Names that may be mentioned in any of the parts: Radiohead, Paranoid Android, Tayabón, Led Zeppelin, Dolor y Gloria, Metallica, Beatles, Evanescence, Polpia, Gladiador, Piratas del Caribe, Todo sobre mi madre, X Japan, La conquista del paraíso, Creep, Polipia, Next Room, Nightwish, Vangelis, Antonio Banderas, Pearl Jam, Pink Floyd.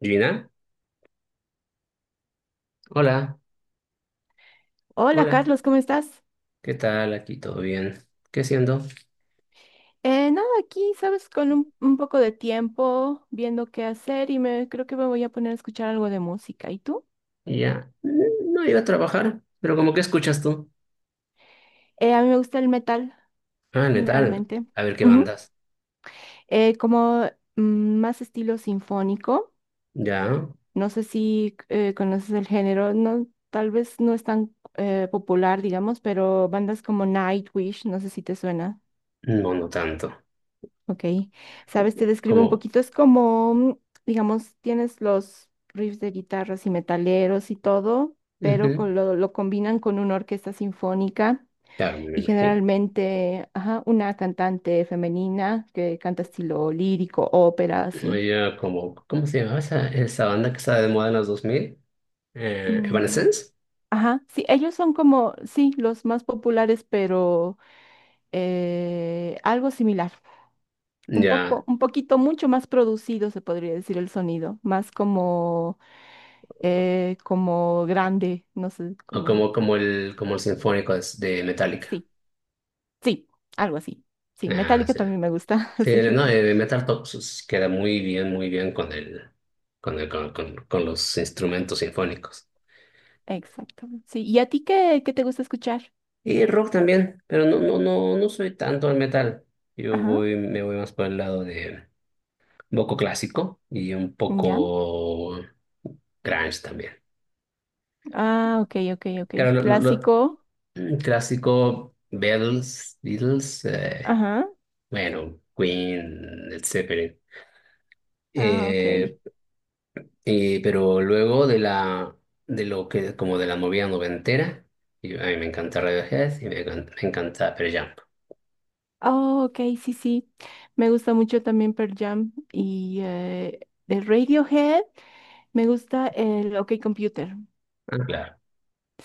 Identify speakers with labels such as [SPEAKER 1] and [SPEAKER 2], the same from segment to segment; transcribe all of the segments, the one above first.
[SPEAKER 1] Gina, hola,
[SPEAKER 2] Hola
[SPEAKER 1] hola,
[SPEAKER 2] Carlos, ¿cómo estás?
[SPEAKER 1] ¿qué tal? Aquí todo bien. ¿Qué haciendo?
[SPEAKER 2] Nada, aquí, sabes, con un poco de tiempo viendo qué hacer y me creo que me voy a poner a escuchar algo de música. ¿Y tú?
[SPEAKER 1] Ya, no iba a trabajar, pero como que escuchas tú.
[SPEAKER 2] A mí me gusta el metal,
[SPEAKER 1] Ah, metal.
[SPEAKER 2] generalmente.
[SPEAKER 1] A ver qué
[SPEAKER 2] Ujú.
[SPEAKER 1] bandas.
[SPEAKER 2] Como mm, más estilo sinfónico.
[SPEAKER 1] Ya,
[SPEAKER 2] No sé si conoces el género, no, tal vez no es tan popular, digamos, pero bandas como Nightwish, no sé si te suena.
[SPEAKER 1] no, no tanto.
[SPEAKER 2] Ok, sabes, te describo un
[SPEAKER 1] Como,
[SPEAKER 2] poquito, es como, digamos, tienes los riffs de guitarras y metaleros y todo, pero
[SPEAKER 1] ujú.
[SPEAKER 2] con lo combinan con una orquesta sinfónica
[SPEAKER 1] Claro, me
[SPEAKER 2] y
[SPEAKER 1] imagino.
[SPEAKER 2] generalmente, ajá, una cantante femenina que canta estilo lírico, ópera, así.
[SPEAKER 1] Oye, como, ¿cómo se llamaba esa banda que estaba de moda en los 2000?
[SPEAKER 2] Mm,
[SPEAKER 1] Evanescence.
[SPEAKER 2] ajá, sí, ellos son como, sí, los más populares, pero algo similar. Un
[SPEAKER 1] Ya,
[SPEAKER 2] poco, un poquito mucho más producido, se podría decir el sonido, más como como grande, no sé,
[SPEAKER 1] o
[SPEAKER 2] como,
[SPEAKER 1] como, como el sinfónico de Metallica.
[SPEAKER 2] sí, sí, algo así. Sí,
[SPEAKER 1] Ah,
[SPEAKER 2] Metallica
[SPEAKER 1] sí.
[SPEAKER 2] también me gusta,
[SPEAKER 1] Sí,
[SPEAKER 2] sí,
[SPEAKER 1] no, Metal Top pues, queda muy bien con el, con el, con, con los instrumentos sinfónicos.
[SPEAKER 2] exacto. Sí, ¿y a ti qué te gusta escuchar?
[SPEAKER 1] Y rock también, pero no, no, no, no soy tanto al metal.
[SPEAKER 2] Ajá,
[SPEAKER 1] Me voy más por el lado de un poco clásico y un
[SPEAKER 2] ya.
[SPEAKER 1] poco grunge también.
[SPEAKER 2] Ah, ok, ok, ok.
[SPEAKER 1] Claro, lo,
[SPEAKER 2] Clásico.
[SPEAKER 1] clásico, Beatles,
[SPEAKER 2] Ajá,
[SPEAKER 1] bueno, Queen, etcétera.
[SPEAKER 2] ah, ok.
[SPEAKER 1] Pero luego de la de lo que como de la movida noventera, y a mí me encanta Radiohead y me encanta Pearl Jam.
[SPEAKER 2] Oh, ok, sí, sí. Me gusta mucho también Pearl Jam y de Radiohead me gusta el OK Computer.
[SPEAKER 1] Ah, claro,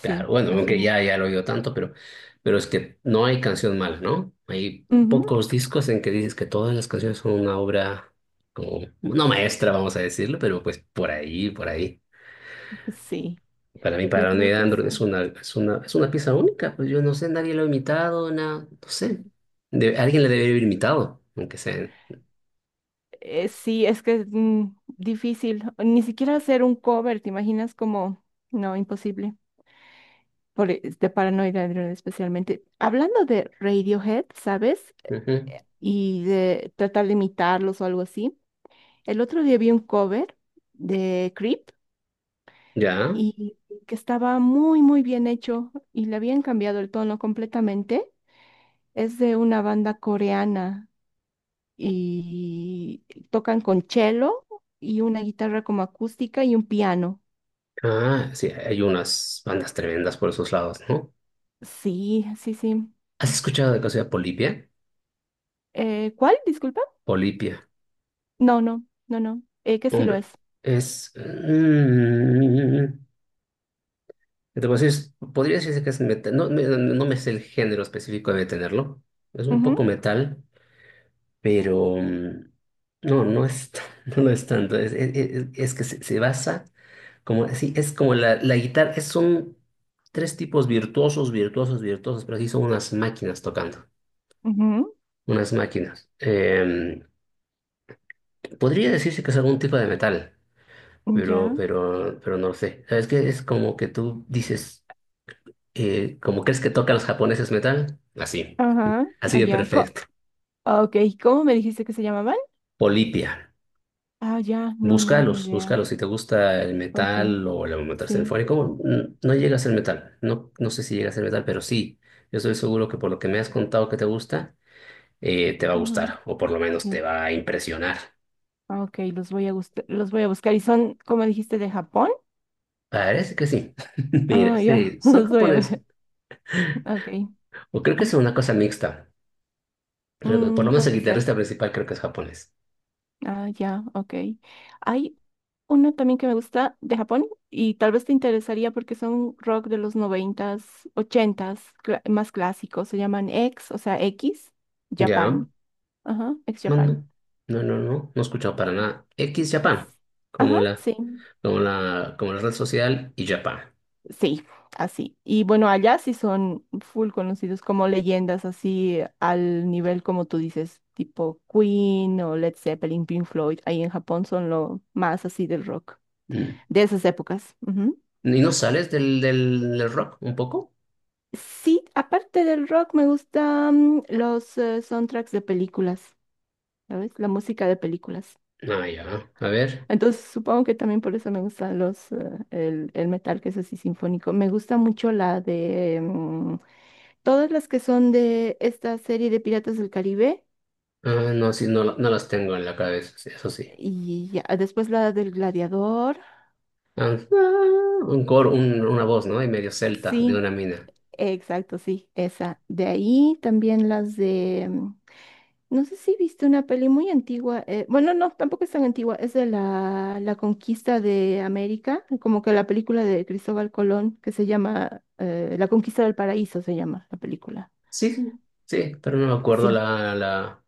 [SPEAKER 1] claro. Bueno, aunque ya, ya lo he oído tanto, pero es que no hay canción mala, ¿no? Hay
[SPEAKER 2] Ujú.
[SPEAKER 1] pocos discos en que dices que todas las canciones son una obra como, no maestra, vamos a decirlo, pero pues por ahí, por ahí.
[SPEAKER 2] Sí,
[SPEAKER 1] Para mí,
[SPEAKER 2] yo
[SPEAKER 1] para
[SPEAKER 2] creo
[SPEAKER 1] Neil
[SPEAKER 2] que
[SPEAKER 1] Andrew es
[SPEAKER 2] sí.
[SPEAKER 1] una, es una, es una pieza única, pues yo no sé, nadie lo ha imitado, no sé. Alguien le debe haber imitado, aunque sea.
[SPEAKER 2] Sí, es que es difícil. Ni siquiera hacer un cover, ¿te imaginas? Como, no, imposible. De Paranoid Android especialmente. Hablando de Radiohead, ¿sabes?
[SPEAKER 1] Ujú.
[SPEAKER 2] Y de tratar de imitarlos o algo así. El otro día vi un cover de Creep
[SPEAKER 1] Ya.
[SPEAKER 2] y que estaba muy, muy bien hecho y le habían cambiado el tono completamente. Es de una banda coreana y tocan con cello y una guitarra como acústica y un piano.
[SPEAKER 1] Ah, sí, hay unas bandas tremendas por esos lados, ¿no?
[SPEAKER 2] Sí, sí, sí.
[SPEAKER 1] ¿Has escuchado de cosa
[SPEAKER 2] Y-
[SPEAKER 1] de Polipia?
[SPEAKER 2] ¿Cuál? Disculpa.
[SPEAKER 1] Polipia.
[SPEAKER 2] No, no, no, no. Que sí lo
[SPEAKER 1] Hombre,
[SPEAKER 2] es.
[SPEAKER 1] es... te puedo decir, podría decirse que es metal. No, no me sé el género específico de tenerlo. Es un
[SPEAKER 2] Ujú,
[SPEAKER 1] poco metal, pero... no, no es, no lo es tanto. Es, es que se basa como... Sí, es como la guitarra. Es, son tres tipos virtuosos, virtuosos, virtuosos, pero sí son unas máquinas tocando.
[SPEAKER 2] ujú,
[SPEAKER 1] Unas máquinas. Podría decirse que es algún tipo de metal,
[SPEAKER 2] ya.
[SPEAKER 1] pero no lo sé. ¿Sabes qué? Es como que tú dices, como crees que tocan los japoneses metal, así,
[SPEAKER 2] Ajá.
[SPEAKER 1] así de
[SPEAKER 2] Allá.
[SPEAKER 1] perfecto.
[SPEAKER 2] Ah, ok. ¿Cómo me dijiste que se llamaban?
[SPEAKER 1] Polipia.
[SPEAKER 2] Ah, ya. No, no, ni
[SPEAKER 1] Búscalos,
[SPEAKER 2] idea.
[SPEAKER 1] búscalos. Si te gusta el
[SPEAKER 2] Ok.
[SPEAKER 1] metal o el metal
[SPEAKER 2] Sí.
[SPEAKER 1] sinfónico, no llega a ser metal. No, no sé si llega a ser metal, pero sí. Yo estoy seguro que por lo que me has contado que te gusta, te va a
[SPEAKER 2] Ajá.
[SPEAKER 1] gustar, o por lo menos te
[SPEAKER 2] Mm,
[SPEAKER 1] va a impresionar.
[SPEAKER 2] ah, ok, los voy a buscar. ¿Y son, como dijiste, de Japón?
[SPEAKER 1] Parece que sí. Mira,
[SPEAKER 2] Ah, ya.
[SPEAKER 1] sí, son
[SPEAKER 2] Los voy a
[SPEAKER 1] japoneses.
[SPEAKER 2] ver. Ok.
[SPEAKER 1] O creo que es una cosa mixta. Pero por lo
[SPEAKER 2] Mm,
[SPEAKER 1] menos el
[SPEAKER 2] puede ser.
[SPEAKER 1] guitarrista principal creo que es japonés.
[SPEAKER 2] Ah, ya, ok. Hay una también que me gusta de Japón y tal vez te interesaría porque son rock de los noventas, ochentas, más clásicos. Se llaman X, o sea, X,
[SPEAKER 1] Ya.
[SPEAKER 2] Japan. Ajá, X
[SPEAKER 1] No,
[SPEAKER 2] Japan.
[SPEAKER 1] no. No, no, no. No he escuchado para nada. X Japan.
[SPEAKER 2] Es- Ajá,
[SPEAKER 1] Como la,
[SPEAKER 2] sí,
[SPEAKER 1] como la, como la red social y Japan.
[SPEAKER 2] sí, así. Y bueno, allá sí son full conocidos como leyendas, así al nivel como tú dices, tipo Queen o Led Zeppelin, Pink Floyd. Ahí en Japón son lo más así del rock,
[SPEAKER 1] Mm.
[SPEAKER 2] de esas épocas.
[SPEAKER 1] ¿Y no sales del rock un poco?
[SPEAKER 2] Sí, aparte del rock me gustan los soundtracks de películas, ¿sabes? La música de películas.
[SPEAKER 1] Ah, ya. A ver.
[SPEAKER 2] Entonces supongo que también por eso me gusta el metal que es así sinfónico. Me gusta mucho la de todas las que son de esta serie de Piratas del Caribe
[SPEAKER 1] Ah, no, sí, no, no las tengo en la cabeza. Sí, eso sí.
[SPEAKER 2] y ya, después la del Gladiador.
[SPEAKER 1] Ah, ah, un coro, una voz, ¿no? Y medio celta de
[SPEAKER 2] Sí,
[SPEAKER 1] una mina.
[SPEAKER 2] exacto, sí, esa. De ahí también las de no sé si viste una peli muy antigua. Bueno, no, tampoco es tan antigua. Es de la conquista de América, como que la película de Cristóbal Colón, que se llama La conquista del paraíso, se llama la película.
[SPEAKER 1] Sí, sí, sí, pero no me acuerdo
[SPEAKER 2] Sí.
[SPEAKER 1] la, la,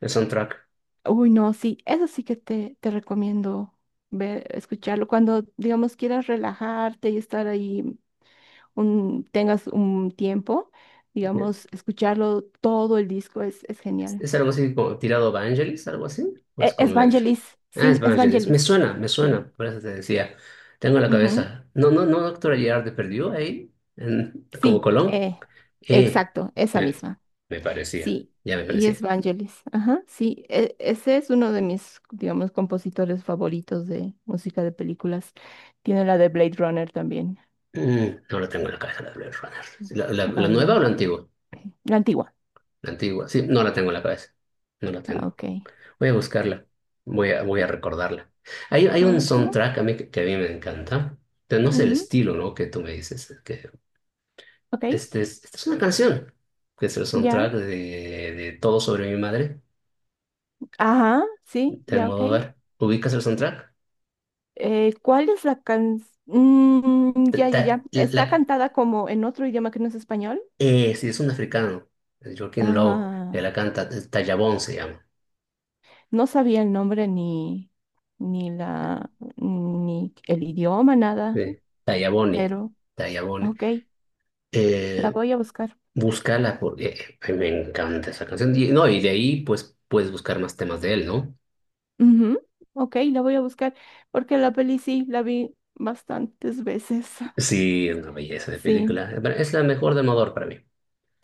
[SPEAKER 1] el soundtrack.
[SPEAKER 2] Uy, no, sí. Eso sí que te recomiendo ver, escucharlo. Cuando, digamos, quieras relajarte y estar ahí, tengas un tiempo, digamos, escucharlo todo el disco es genial.
[SPEAKER 1] ¿Es algo así como tirado Vangelis, algo así? Pues con letra.
[SPEAKER 2] Evangelis,
[SPEAKER 1] Ah, es
[SPEAKER 2] sí,
[SPEAKER 1] Vangelis.
[SPEAKER 2] Evangelis.
[SPEAKER 1] Me
[SPEAKER 2] Sí.
[SPEAKER 1] suena, por eso te decía. Tengo la
[SPEAKER 2] Ujú.
[SPEAKER 1] cabeza. No, no, no, doctora Girard de perdió ahí, como
[SPEAKER 2] Sí,
[SPEAKER 1] Colón. Eh,
[SPEAKER 2] exacto, esa
[SPEAKER 1] Me,
[SPEAKER 2] misma.
[SPEAKER 1] me parecía,
[SPEAKER 2] Sí,
[SPEAKER 1] ya me
[SPEAKER 2] y es
[SPEAKER 1] parecía.
[SPEAKER 2] Vangelis. Ajá, sí, ese es uno de mis, digamos, compositores favoritos de música de películas. Tiene la de Blade Runner también.
[SPEAKER 1] No la tengo en la cabeza, la Blade Runner. ¿La, la
[SPEAKER 2] Ah,
[SPEAKER 1] nueva
[SPEAKER 2] ya.
[SPEAKER 1] o la antigua?
[SPEAKER 2] Ok. La antigua.
[SPEAKER 1] La antigua, sí, no la tengo en la cabeza. No la
[SPEAKER 2] Ah,
[SPEAKER 1] tengo.
[SPEAKER 2] ok.
[SPEAKER 1] Voy a buscarla, voy a, voy a recordarla. Hay un
[SPEAKER 2] Ah, ah,
[SPEAKER 1] soundtrack a mí que a mí me encanta. Pero no sé el
[SPEAKER 2] ujú,
[SPEAKER 1] estilo, ¿no? Que tú me dices.
[SPEAKER 2] ok,
[SPEAKER 1] Esta es una canción, que es el
[SPEAKER 2] ya.
[SPEAKER 1] soundtrack de Todo sobre mi madre,
[SPEAKER 2] Ajá, sí,
[SPEAKER 1] de
[SPEAKER 2] ya, ok.
[SPEAKER 1] Almodóvar. ¿Ubicas el soundtrack?
[SPEAKER 2] ¿Cuál es la can... Mm,
[SPEAKER 1] Ta-
[SPEAKER 2] ya, ya, ya.
[SPEAKER 1] ta-
[SPEAKER 2] ¿Está
[SPEAKER 1] la-
[SPEAKER 2] cantada como en otro idioma que no es español?
[SPEAKER 1] sí, es un africano, es Joaquín Low, que
[SPEAKER 2] Ajá.
[SPEAKER 1] la canta, Tayabón se llama.
[SPEAKER 2] No sabía el nombre ni la, ni el idioma, nada,
[SPEAKER 1] Sí. Tayaboni,
[SPEAKER 2] pero
[SPEAKER 1] Tayaboni.
[SPEAKER 2] ok, la
[SPEAKER 1] Eh,
[SPEAKER 2] voy a buscar.
[SPEAKER 1] Búscala, porque me encanta esa canción. Y, no, y de ahí pues puedes buscar más temas de él, ¿no?
[SPEAKER 2] Ujú, ok, la voy a buscar porque la peli sí, la vi bastantes veces.
[SPEAKER 1] Sí, es una belleza de
[SPEAKER 2] Sí,
[SPEAKER 1] película. Bueno, es la mejor de Almodóvar para mí.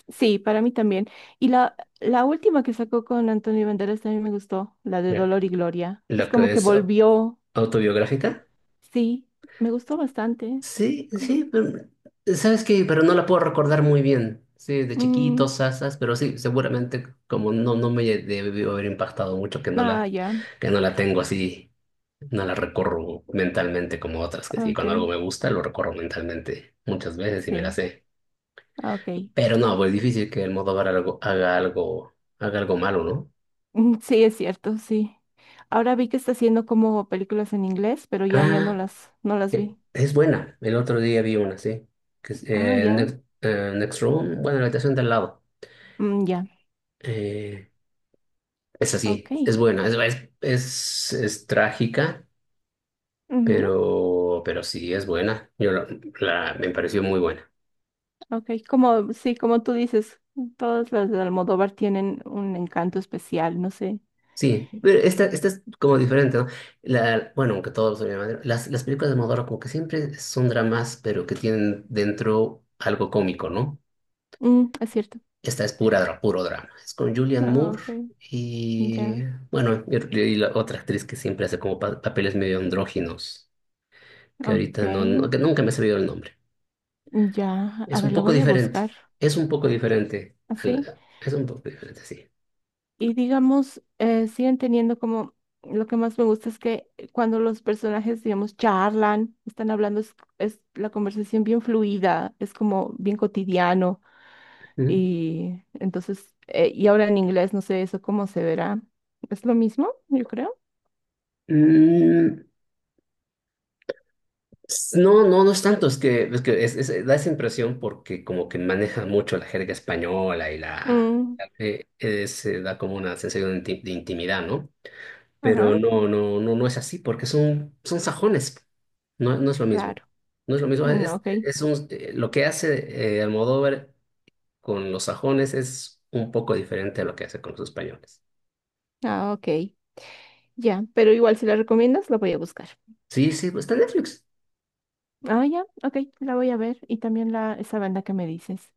[SPEAKER 2] sí, para mí también. Y la última que sacó con Antonio Banderas también me gustó, la de
[SPEAKER 1] La,
[SPEAKER 2] Dolor y Gloria. Es
[SPEAKER 1] la
[SPEAKER 2] como
[SPEAKER 1] que
[SPEAKER 2] que
[SPEAKER 1] es
[SPEAKER 2] volvió,
[SPEAKER 1] autobiográfica.
[SPEAKER 2] sí, me gustó bastante.
[SPEAKER 1] Sí, sí, pero sabes que, pero no la puedo recordar muy bien. Sí, de
[SPEAKER 2] Mm,
[SPEAKER 1] chiquitos, sasas, pero sí, seguramente como no, no me debió haber impactado mucho
[SPEAKER 2] ah, ya,
[SPEAKER 1] que no la tengo así, no la recorro mentalmente como otras, que sí,
[SPEAKER 2] ok,
[SPEAKER 1] cuando algo me gusta lo recorro mentalmente muchas veces y me la
[SPEAKER 2] sí,
[SPEAKER 1] sé.
[SPEAKER 2] ok.
[SPEAKER 1] Pero no, pues difícil que el Almodóvar algo, haga algo, haga algo malo, ¿no?
[SPEAKER 2] Mm, sí, es cierto, sí. Ahora vi que está haciendo como películas en inglés, pero ya, ya no
[SPEAKER 1] Ah,
[SPEAKER 2] las, no las vi.
[SPEAKER 1] es buena. El otro día vi una, sí. Que es,
[SPEAKER 2] Ah, ya,
[SPEAKER 1] Next, Next Room, bueno, la habitación de al lado.
[SPEAKER 2] mm, ya,
[SPEAKER 1] Eh, Es así,
[SPEAKER 2] ok.
[SPEAKER 1] es buena, es, es trágica,
[SPEAKER 2] Ujú,
[SPEAKER 1] pero sí es buena. La, me pareció muy buena.
[SPEAKER 2] ok, como, sí, como tú dices, todas las de Almodóvar tienen un encanto especial, no sé.
[SPEAKER 1] Sí, pero esta es como diferente, ¿no? La, bueno, aunque todos son de madera, las películas de Almodóvar como que siempre son dramas, pero que tienen dentro algo cómico, ¿no?
[SPEAKER 2] Mm, es cierto.
[SPEAKER 1] Esta es pura, puro drama. Es con Julianne
[SPEAKER 2] Ah,
[SPEAKER 1] Moore
[SPEAKER 2] ok,
[SPEAKER 1] y,
[SPEAKER 2] ya,
[SPEAKER 1] bueno, y la otra actriz que siempre hace como papeles medio andróginos, que
[SPEAKER 2] ok,
[SPEAKER 1] ahorita no, que nunca me ha sabido el nombre.
[SPEAKER 2] ya. A
[SPEAKER 1] Es un
[SPEAKER 2] ver, la
[SPEAKER 1] poco
[SPEAKER 2] voy a
[SPEAKER 1] diferente.
[SPEAKER 2] buscar,
[SPEAKER 1] Es un poco diferente.
[SPEAKER 2] ¿así?
[SPEAKER 1] Es un poco diferente, sí.
[SPEAKER 2] Y digamos, siguen teniendo como, lo que más me gusta es que cuando los personajes, digamos, charlan, están hablando, es la conversación bien fluida, es como bien cotidiano.
[SPEAKER 1] ¿Mm?
[SPEAKER 2] Y entonces, y ahora en inglés, no sé eso cómo se verá. Es lo mismo, yo creo.
[SPEAKER 1] Mm, no, no, no es tanto. Es que da esa impresión porque como que maneja mucho la jerga española y la...
[SPEAKER 2] Mm,
[SPEAKER 1] se da como una sensación de de intimidad, ¿no?
[SPEAKER 2] ajá,
[SPEAKER 1] Pero no, no, no, no es así porque son, son sajones. No, no es lo mismo.
[SPEAKER 2] claro.
[SPEAKER 1] No es lo mismo.
[SPEAKER 2] Mm,
[SPEAKER 1] Es,
[SPEAKER 2] ok.
[SPEAKER 1] lo que hace Almodóvar con los sajones es un poco diferente a lo que hace con los españoles.
[SPEAKER 2] Ah, ok. Ya, pero igual si la recomiendas, la voy a buscar.
[SPEAKER 1] Sí, sí, pues está en Netflix.
[SPEAKER 2] Ah, ya, ok, la voy a ver. Y también esa banda que me dices.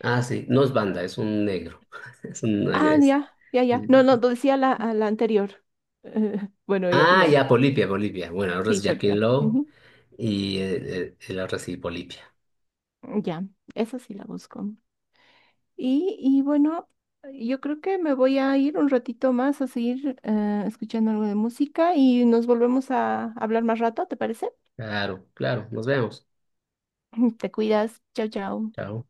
[SPEAKER 1] Ah, sí, no es banda, es un negro. Es un...
[SPEAKER 2] Ah,
[SPEAKER 1] es-
[SPEAKER 2] ya, ya, ya. No, no, decía a la anterior. Eh, bueno, ya,
[SPEAKER 1] Ah,
[SPEAKER 2] igual.
[SPEAKER 1] ya, Polipia, Polipia. Bueno, ahora
[SPEAKER 2] Sí,
[SPEAKER 1] es Jacqueline
[SPEAKER 2] Polpia.
[SPEAKER 1] Lowe
[SPEAKER 2] Ujú.
[SPEAKER 1] y la otra sí, Polipia.
[SPEAKER 2] Ya, esa sí la busco. Y bueno, yo creo que me voy a ir un ratito más a seguir escuchando algo de música y nos volvemos a hablar más rato, ¿te parece?
[SPEAKER 1] Claro, claro, nos vemos.
[SPEAKER 2] Te cuidas. Chao, chao.
[SPEAKER 1] Chao.